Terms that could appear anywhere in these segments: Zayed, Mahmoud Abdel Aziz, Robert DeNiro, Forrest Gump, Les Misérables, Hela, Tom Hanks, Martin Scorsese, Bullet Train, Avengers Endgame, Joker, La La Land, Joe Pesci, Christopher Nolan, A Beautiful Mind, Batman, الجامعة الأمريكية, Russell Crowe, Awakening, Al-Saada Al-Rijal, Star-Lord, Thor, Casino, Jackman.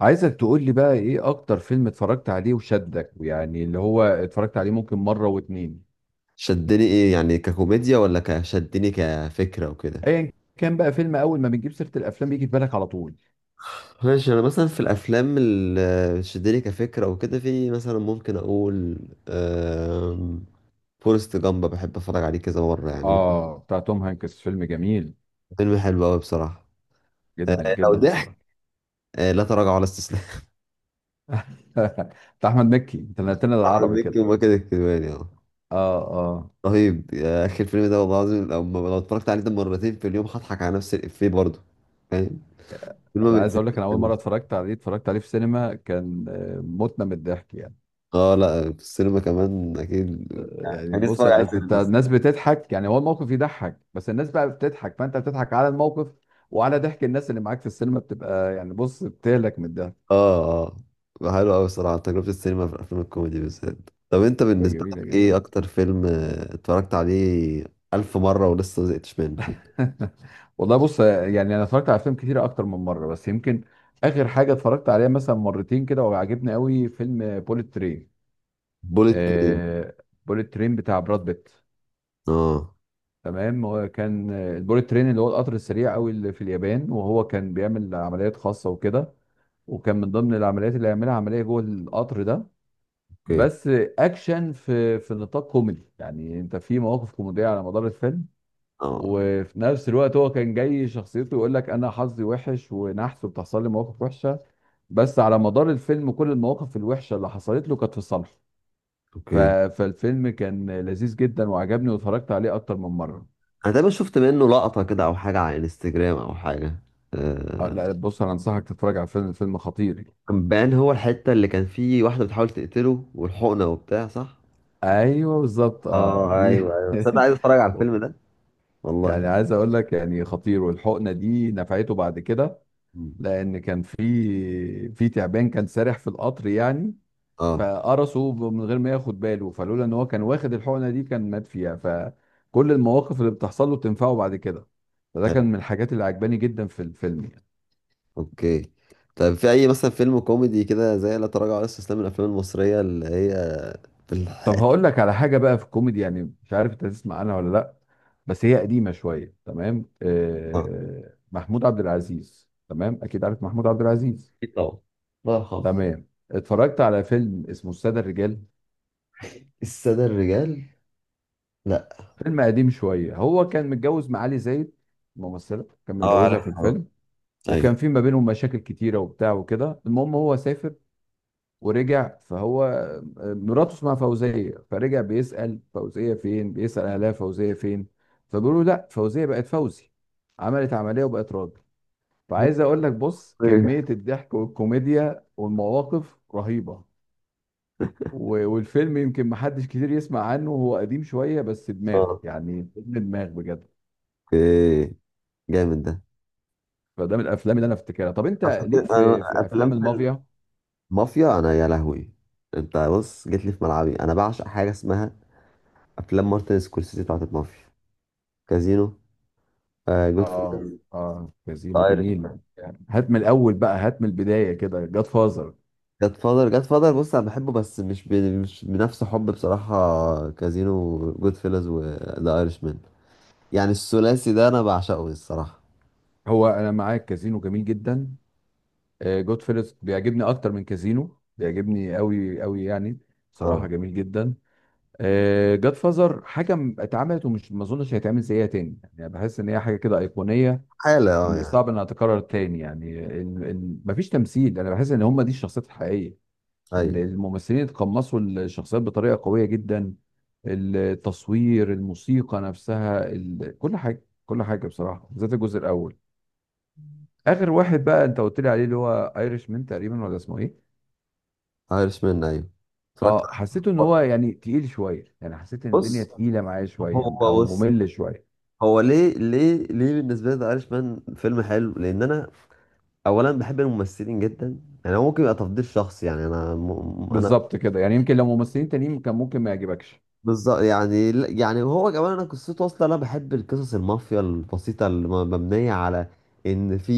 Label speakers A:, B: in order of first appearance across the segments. A: عايزك تقول لي بقى ايه اكتر فيلم اتفرجت عليه وشدك ويعني اللي هو اتفرجت عليه ممكن مرة واتنين.
B: شدني ايه يعني ككوميديا ولا كشدني كفكرة وكده.
A: ايا كان بقى فيلم اول ما بنجيب سيرة الافلام بيجي في بالك على طول.
B: ماشي، انا مثلا في الافلام اللي شدني كفكرة وكده في مثلا ممكن اقول آم، فورست جامب، بحب اتفرج عليه كذا مرة يعني
A: اه، بتاع توم هانكس فيلم جميل
B: فيلم حلو قوي بصراحة. آه،
A: جدا
B: لو
A: جدا
B: ضحك
A: بصراحة.
B: لا تراجع ولا استسلام
A: بتاع احمد مكي، انت نقلت لنا
B: احمد
A: العربي
B: مكي
A: كده.
B: وماجد الكدواني، اه.
A: اه اه.
B: رهيب يا اخي الفيلم ده والله العظيم. لو اتفرجت عليه ده مرتين في اليوم هضحك على نفس الافيه برضه. فاهم؟ فيلم ما
A: انا عايز اقول لك، انا اول
B: بيتنسيش.
A: مرة اتفرجت عليه في سينما، كان متنا من الضحك يعني.
B: اه لا، في السينما كمان اكيد،
A: يعني
B: يعني
A: بص،
B: اتفرج عليه في
A: أصل انت
B: السينما.
A: الناس بتضحك، يعني هو الموقف يضحك بس الناس بقى بتضحك فانت بتضحك على الموقف وعلى ضحك الناس اللي معاك في السينما، بتبقى يعني بص بتهلك من الضحك.
B: اه اه، حلو قوي الصراحه تجربه السينما في الافلام الكوميدي بالذات. طب انت
A: بتبقى
B: بالنسبه
A: جميله
B: لك
A: جدا.
B: ايه اكتر فيلم اتفرجت عليه الف مره ولسه ما زهقتش منه؟
A: والله بص يعني انا اتفرجت على افلام كتيره اكتر من مره، بس يمكن اخر حاجه اتفرجت عليها مثلا مرتين كده وعجبني قوي فيلم بوليت ترين.
B: بوليت ترين.
A: آه، بوليت ترين بتاع براد بيت.
B: اه،
A: تمام، هو كان البوليت ترين اللي هو القطر السريع قوي اللي في اليابان، وهو كان بيعمل عمليات خاصه وكده، وكان من ضمن العمليات اللي هيعملها عمليه جوه القطر ده.
B: اوكي.
A: بس اكشن في نطاق كوميدي، يعني انت في مواقف كوميديه على مدار الفيلم،
B: اه،
A: وفي نفس الوقت هو كان جاي شخصيته يقول لك انا حظي وحش ونحس وبتحصل لي مواقف وحشه، بس على مدار الفيلم كل المواقف الوحشه اللي حصلت له كانت في صالحه. ف-
B: اوكي.
A: فالفيلم كان لذيذ جدا وعجبني واتفرجت عليه اكتر من مره.
B: انا دايما شفت منه لقطه كده او حاجه على انستجرام او حاجه. آه.
A: لا بص انا انصحك تتفرج على فيلم خطير يعني.
B: كان بان هو الحته اللي كان فيه واحده بتحاول تقتله والحقنه وبتاع، صح؟
A: ايوه بالظبط، اه
B: اه
A: دي.
B: ايوه ايوه، بس انا عايز اتفرج على الفيلم ده.
A: يعني
B: والله.
A: عايز اقول لك، يعني خطير، والحقنه دي نفعته بعد كده،
B: مم.
A: لان كان في تعبان كان سارح في القطر يعني،
B: اه،
A: فقرصه من غير ما ياخد باله، فلولا ان هو كان واخد الحقنه دي كان مات فيها، فكل المواقف اللي بتحصل له بتنفعه بعد كده. فده
B: حلو.
A: كان من الحاجات اللي عجباني جدا في الفيلم.
B: اوكي. طيب في اي مثلا فيلم كوميدي كده زي لا تراجع ولا استسلام من الافلام المصريه اللي هي في
A: طب
B: الح...
A: هقول لك على حاجه بقى في الكوميدي، يعني مش عارف انت تسمع عنها ولا لا، بس هي قديمه شويه. تمام،
B: اه
A: محمود عبد العزيز، تمام اكيد عارف محمود عبد العزيز.
B: أكيد طبعا، الله يرحمه.
A: تمام، اتفرجت على فيلم اسمه الساده الرجال.
B: السادة الرجال؟ لا.
A: فيلم قديم شويه، هو كان متجوز معالي زايد، ممثله كان متجوزها في
B: عارفها.
A: الفيلم،
B: ايوه.
A: وكان في ما بينهم مشاكل كتيره وبتاع وكده. المهم هو سافر ورجع، فهو مراته اسمها فوزية، فرجع بيسأل فوزية فين، بيسأل أهلها فوزية فين، فبيقولوا لا، فوزية بقت فوزي، عملت عملية وبقت راجل.
B: لا.
A: فعايز أقول لك بص
B: إيه.
A: كمية الضحك والكوميديا والمواقف رهيبة. والفيلم يمكن محدش كتير يسمع عنه، هو قديم شوية بس دماغ،
B: اه،
A: يعني فيلم دماغ بجد.
B: اوكي. جامد ده.
A: فده من الأفلام اللي أنا أفتكرها. طب أنت ليك في
B: أنا
A: في
B: افلام
A: أفلام
B: في
A: المافيا؟
B: المافيا، انا يا لهوي، انت بص جيت لي في ملعبي، انا بعشق حاجه اسمها افلام مارتن سكورسيزي بتاعت المافيا. كازينو. آه.
A: اه اه، كازينو
B: جود.
A: جميل يعني. هات من الأول بقى، هات من البداية كده، جاد فازر.
B: جاد فادر، بص انا بحبه بس مش بنفس حب بصراحة كازينو. جود فيلز وذا ايرش مان، يعني الثلاثي ده انا بعشقه الصراحة.
A: هو انا معاك، كازينو جميل جدا. جود فيلز بيعجبني اكتر من كازينو، بيعجبني قوي قوي يعني، بصراحه
B: اه،
A: جميل جدا. جاد فازر حاجه اتعملت ومش، ما اظنش هيتعمل زيها تاني يعني، بحس ان هي حاجه كده ايقونيه.
B: حالة اه يعني.
A: صعب انها تتكرر تاني يعني. مفيش تمثيل، انا بحس ان هم دي الشخصيات الحقيقيه، ان
B: ايوه.
A: الممثلين اتقمصوا الشخصيات بطريقه قويه جدا. التصوير، الموسيقى نفسها، كل حاجه كل حاجه بصراحه، بالذات الجزء الاول. اخر واحد بقى انت قلت لي عليه اللي هو ايرش مان تقريبا، ولا اسمه ايه؟
B: ايرش مان، ايوه اتفرجت
A: اه،
B: عليه.
A: حسيته ان هو يعني تقيل شويه، يعني حسيت ان الدنيا
B: بص
A: تقيله معايا شويه او
B: هو بص
A: ممل شويه.
B: هو ليه بالنسبة لي ذا ايرش مان فيلم حلو، لان انا اولا بحب الممثلين جدا، يعني هو ممكن يبقى تفضيل شخصي يعني انا
A: بالظبط كده، يعني يمكن لو ممثلين تانيين كان ممكن ما يعجبكش.
B: بالظبط يعني يعني هو كمان، انا قصته اصلا انا بحب القصص المافيا البسيطه اللي مبنيه على ان في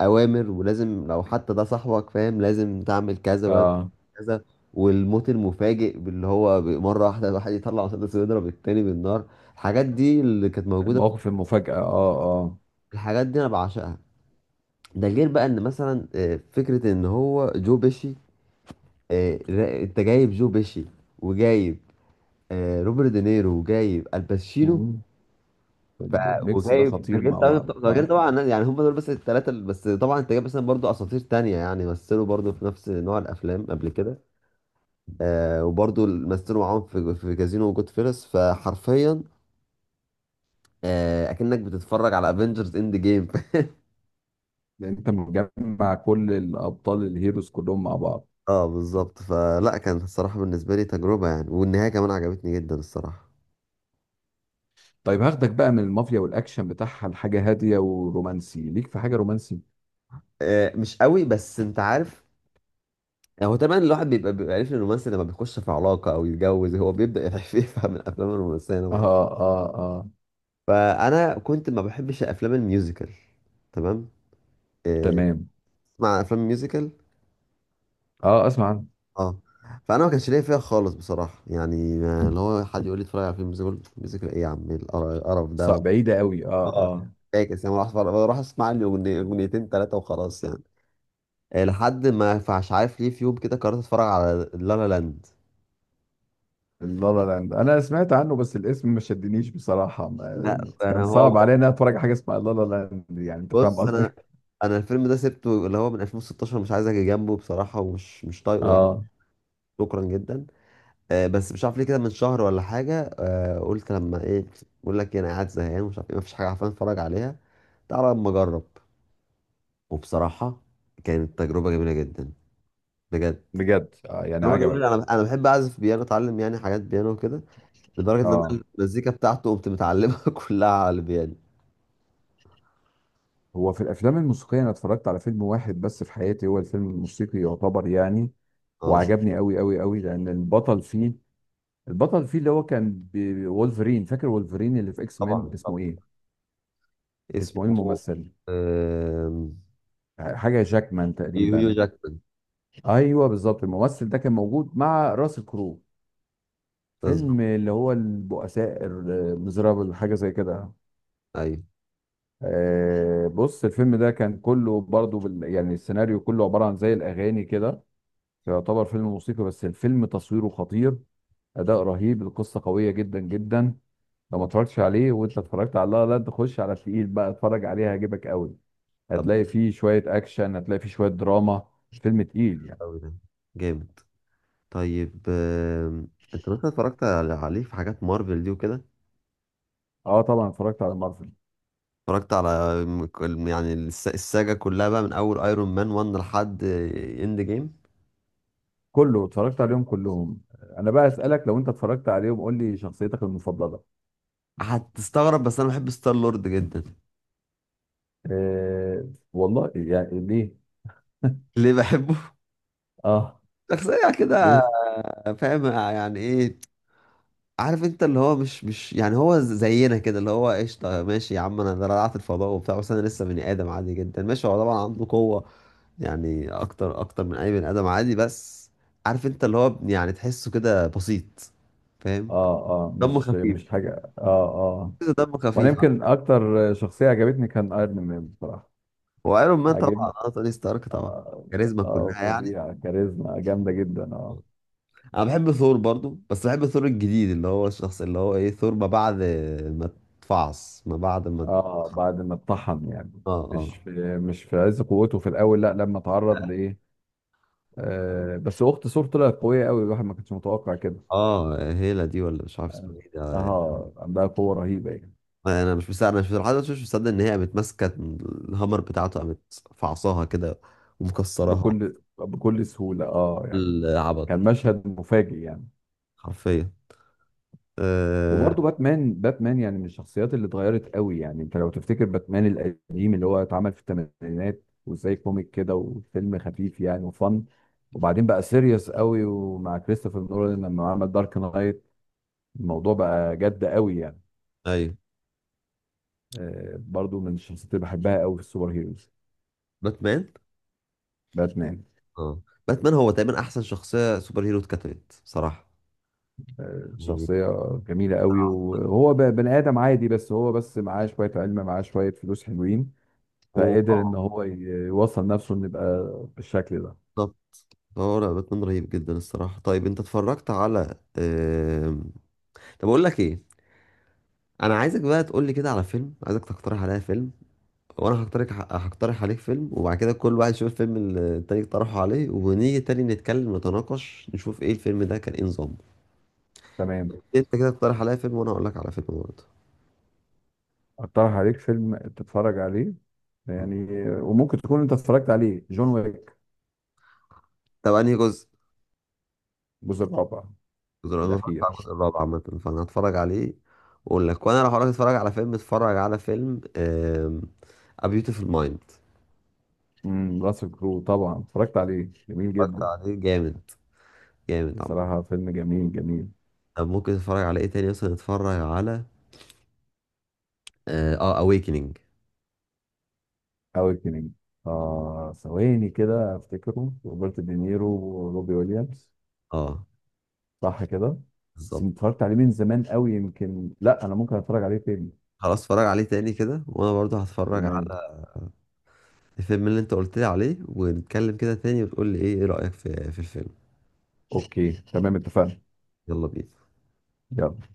B: اوامر ولازم، لو حتى ده صاحبك فاهم لازم تعمل كذا ولازم
A: اه،
B: كذا. والموت المفاجئ اللي هو مره واحده الواحد يطلع مسدس ويضرب التاني بالنار، الحاجات دي اللي كانت موجوده
A: المواقف المفاجاه، اه اه.
B: الحاجات دي انا بعشقها. ده غير بقى ان مثلا فكره ان هو جو بيشي، انت جايب جو بيشي، وجايب روبرت دينيرو، وجايب الباتشينو.
A: مم.
B: ف
A: الميكس ده
B: وجايب، ده
A: خطير
B: غير
A: مع
B: طبعا
A: بعض
B: ده غير
A: اه،
B: طبعا يعني هم دول بس الثلاثه بس طبعا انت جايب مثلا برضو اساطير تانية، يعني مثلوا برضو في نفس نوع الافلام قبل كده. وبرضو مثلوا معاهم في كازينو وجود فيلس، فحرفيا آه اكنك بتتفرج على افنجرز اند جيم
A: لان انت مجمع كل الابطال الهيروز كلهم مع بعض.
B: اه بالظبط، فلا كانت الصراحه بالنسبه لي تجربه يعني، والنهايه كمان عجبتني جدا الصراحه.
A: طيب هاخدك بقى من المافيا والاكشن بتاعها لحاجه هاديه ورومانسي، ليك في حاجه رومانسي؟
B: مش قوي، بس انت عارف، هو طبعا الواحد بيبقى عارف إن الرومانسي لما بيخش في علاقه او يتجوز هو بيبدا يفهم الافلام الرومانسيه
A: اه
B: نوعا.
A: اه اه،
B: فانا كنت ما بحبش الافلام الميوزيكال. تمام. إيه،
A: تمام.
B: تسمع افلام ميوزيكال؟
A: اه اسمع عنها.
B: اه. فانا ما كانش ليا فيها خالص بصراحه يعني اللي هو حد يقول لي اتفرج على فيلم ميوزيكال، ميوزيكال ايه يا عم؟ إيه القرف ده؟
A: صعب بعيدة قوي اه
B: اه
A: اه.
B: فاكس يعني بروح اسمع لي اغنيتين ثلاثه وخلاص يعني. لحد ما، فمش عارف ليه، في يوم كده قررت اتفرج على لا لا لاند.
A: لا لا لاند انا سمعت عنه بس الاسم ما شدنيش بصراحة،
B: لا انا
A: كان
B: هو
A: صعب عليا ان انا اتفرج على حاجة اسمها لا لا لاند، يعني انت فاهم
B: بص
A: قصدي.
B: انا الفيلم ده سبته اللي هو من 2016، مش عايز اجي جنبه بصراحه، ومش مش طايقه يعني.
A: اه.
B: شكرا جدا. بس مش عارف ليه كده، من شهر ولا حاجة قلت لما ايه، بقول لك انا قاعد زهقان ومش عارف ايه، مفيش حاجة عارفين اتفرج عليها، تعالى اما اجرب. وبصراحة كانت تجربة جميلة جدا، بجد.
A: بجد آه، يعني
B: تجربة
A: عجبك؟
B: جميلة، انا بحب اعزف بيانو، اتعلم يعني حاجات بيانو وكده، لدرجة ان
A: اه.
B: انا المزيكا بتاعته قمت متعلمها كلها على البيانو.
A: هو في الافلام الموسيقية انا اتفرجت على فيلم واحد بس في حياتي هو الفيلم الموسيقي يعتبر يعني،
B: اه،
A: وعجبني قوي قوي قوي، لان البطل فيه، البطل فيه اللي هو كان وولفرين. فاكر وولفرين اللي في اكس مان
B: طبعا طبعا.
A: اسمه ايه؟
B: اسمه
A: الممثل،
B: آم،
A: حاجة جاكمان
B: هيو
A: تقريبا.
B: جاكمان.
A: ايوه بالظبط، الممثل ده كان موجود مع راسل كرو، فيلم
B: بالظبط.
A: اللي هو البؤساء المزرابل حاجه زي كده.
B: ايوه.
A: آه، بص الفيلم ده كان كله برضو يعني السيناريو كله عباره عن زي الاغاني كده، يعتبر فيلم موسيقي، بس الفيلم تصويره خطير، اداء رهيب، القصه قويه جدا جدا. لو ما اتفرجتش عليه وانت اتفرجت على لا لا، تخش على التقيل بقى، اتفرج عليه هيعجبك قوي.
B: طب
A: هتلاقي فيه شويه اكشن، هتلاقي فيه شويه دراما، الفيلم تقيل يعني.
B: أوي ده، جامد. طيب انت مثلا عليه في حاجات مارفل دي وكده؟
A: اه طبعا اتفرجت على مارفل
B: اتفرجت على يعني الساجة كلها بقى من أول أيرون مان 1 لحد إند جيم.
A: كله، اتفرجت عليهم كلهم. انا بقى اسالك، لو انت اتفرجت عليهم قول لي شخصيتك المفضله.
B: هتستغرب بس أنا بحب ستار لورد جدا.
A: أه والله، يعني ليه؟
B: ليه بحبه؟
A: اه،
B: شخصية كده،
A: ليه؟
B: فاهم يعني إيه؟ عارف أنت اللي هو مش يعني، هو زينا كده، اللي هو قشطة ماشي يا عم، أنا ده رجعت الفضاء وبتاع، بس أنا لسه بني آدم عادي جدا، ماشي هو طبعا عنده قوة يعني أكتر أكتر من أي بني آدم عادي، بس عارف أنت اللي هو يعني تحسه كده بسيط، فاهم؟
A: اه اه،
B: دمه
A: مش
B: خفيف.
A: مش حاجه، اه، اه.
B: تحسه دمه
A: وانا
B: خفيف.
A: يمكن اكتر شخصيه عجبتني كان ايرون مان بصراحه.
B: وايرون مان طبعا،
A: عجبني
B: اه، توني ستارك طبعا،
A: اه.
B: كاريزما
A: آه،
B: كلها يعني.
A: فظيع، كاريزما جامده جدا اه.
B: انا بحب ثور برضو، بس بحب ثور الجديد اللي هو الشخص اللي هو ايه، ثور ما بعد ما تفعص، ما بعد ما،
A: اه، بعد ما اتطحن يعني،
B: اه اه
A: مش في عز قوته في الاول، لا، لما اتعرض لايه. آه بس اخت ثور طلعت قويه قوي، الواحد ما كانش متوقع كده.
B: اه. هيلا دي ولا مش عارف اسمها ايه ده.
A: اه، عندها قوة رهيبة يعني.
B: انا مش مصدق انا مش لحد دلوقتي مش مصدق ان هي قامت ماسكه الهامر بتاعته، قامت فعصاها كده ومكسراها،
A: بكل سهولة اه يعني،
B: العبط
A: كان مشهد مفاجئ يعني.
B: حرفيا. آه.
A: وبرضه باتمان يعني من الشخصيات اللي اتغيرت قوي، يعني انت لو تفتكر باتمان القديم اللي هو اتعمل في الثمانينات وزي كوميك كده وفيلم خفيف يعني وفن، وبعدين بقى سيريس قوي، ومع كريستوفر نولان لما عمل دارك نايت الموضوع بقى جد قوي يعني.
B: ايوه،
A: آه، برضه من الشخصيات اللي بحبها قوي في السوبر هيروز
B: باتمان.
A: باتمان.
B: اه، باتمان هو تقريبا احسن شخصيه سوبر هيرو اتكتبت بصراحه، يعني
A: شخصية جميلة قوي، وهو بني آدم عادي بس، هو بس معاه شوية علم، معاه شوية فلوس حلوين،
B: و-
A: فقدر إن
B: آه،
A: هو يوصل نفسه إنه يبقى بالشكل ده.
B: بالظبط. اه لا، باتمان رهيب جدا الصراحه. طيب انت اتفرجت على طب اقول لك ايه، انا عايزك بقى تقول لي كده على فيلم، عايزك تقترح عليا فيلم، وانا هقترح عليك فيلم، وبعد كده كل واحد يشوف الفيلم اللي التاني اقترحه عليه، ونيجي تاني نتكلم نتناقش نشوف ايه الفيلم ده كان ايه نظامه.
A: تمام.
B: انت كده اقترح عليا فيلم، وانا اقول لك على فيلم برضه.
A: أقترح عليك فيلم تتفرج عليه يعني، وممكن تكون أنت اتفرجت عليه، جون ويك.
B: طب انهي جزء؟
A: الجزء الرابع.
B: انا ما اتفرجتش على
A: الأخير.
B: الجزء الرابع عامة، فانا هتفرج عليه واقول لك. وانا لو هروح اتفرج على فيلم، A Beautiful Mind.
A: راسل كرو، طبعا اتفرجت عليه، جميل
B: اتفرجت
A: جدا.
B: عليه؟ جامد، جامد عامة.
A: بصراحة فيلم جميل جميل.
B: طب ممكن تتفرج على ايه تاني؟ مثلا اتفرج على اه، Awakening.
A: أوي، آه، ثواني كده أفتكره، روبرت دينيرو وروبي ويليامز،
B: اه،
A: صح كده؟ بس
B: بالظبط.
A: اتفرجت عليه من زمان قوي يمكن، لا انا ممكن اتفرج عليه تاني.
B: خلاص، اتفرج عليه تاني كده، وانا برضو هتفرج
A: تمام.
B: على الفيلم اللي انت قلت لي عليه، ونتكلم كده تاني وتقول لي ايه رأيك في الفيلم.
A: اوكي تمام، اتفقنا.
B: يلا بينا.
A: يلا.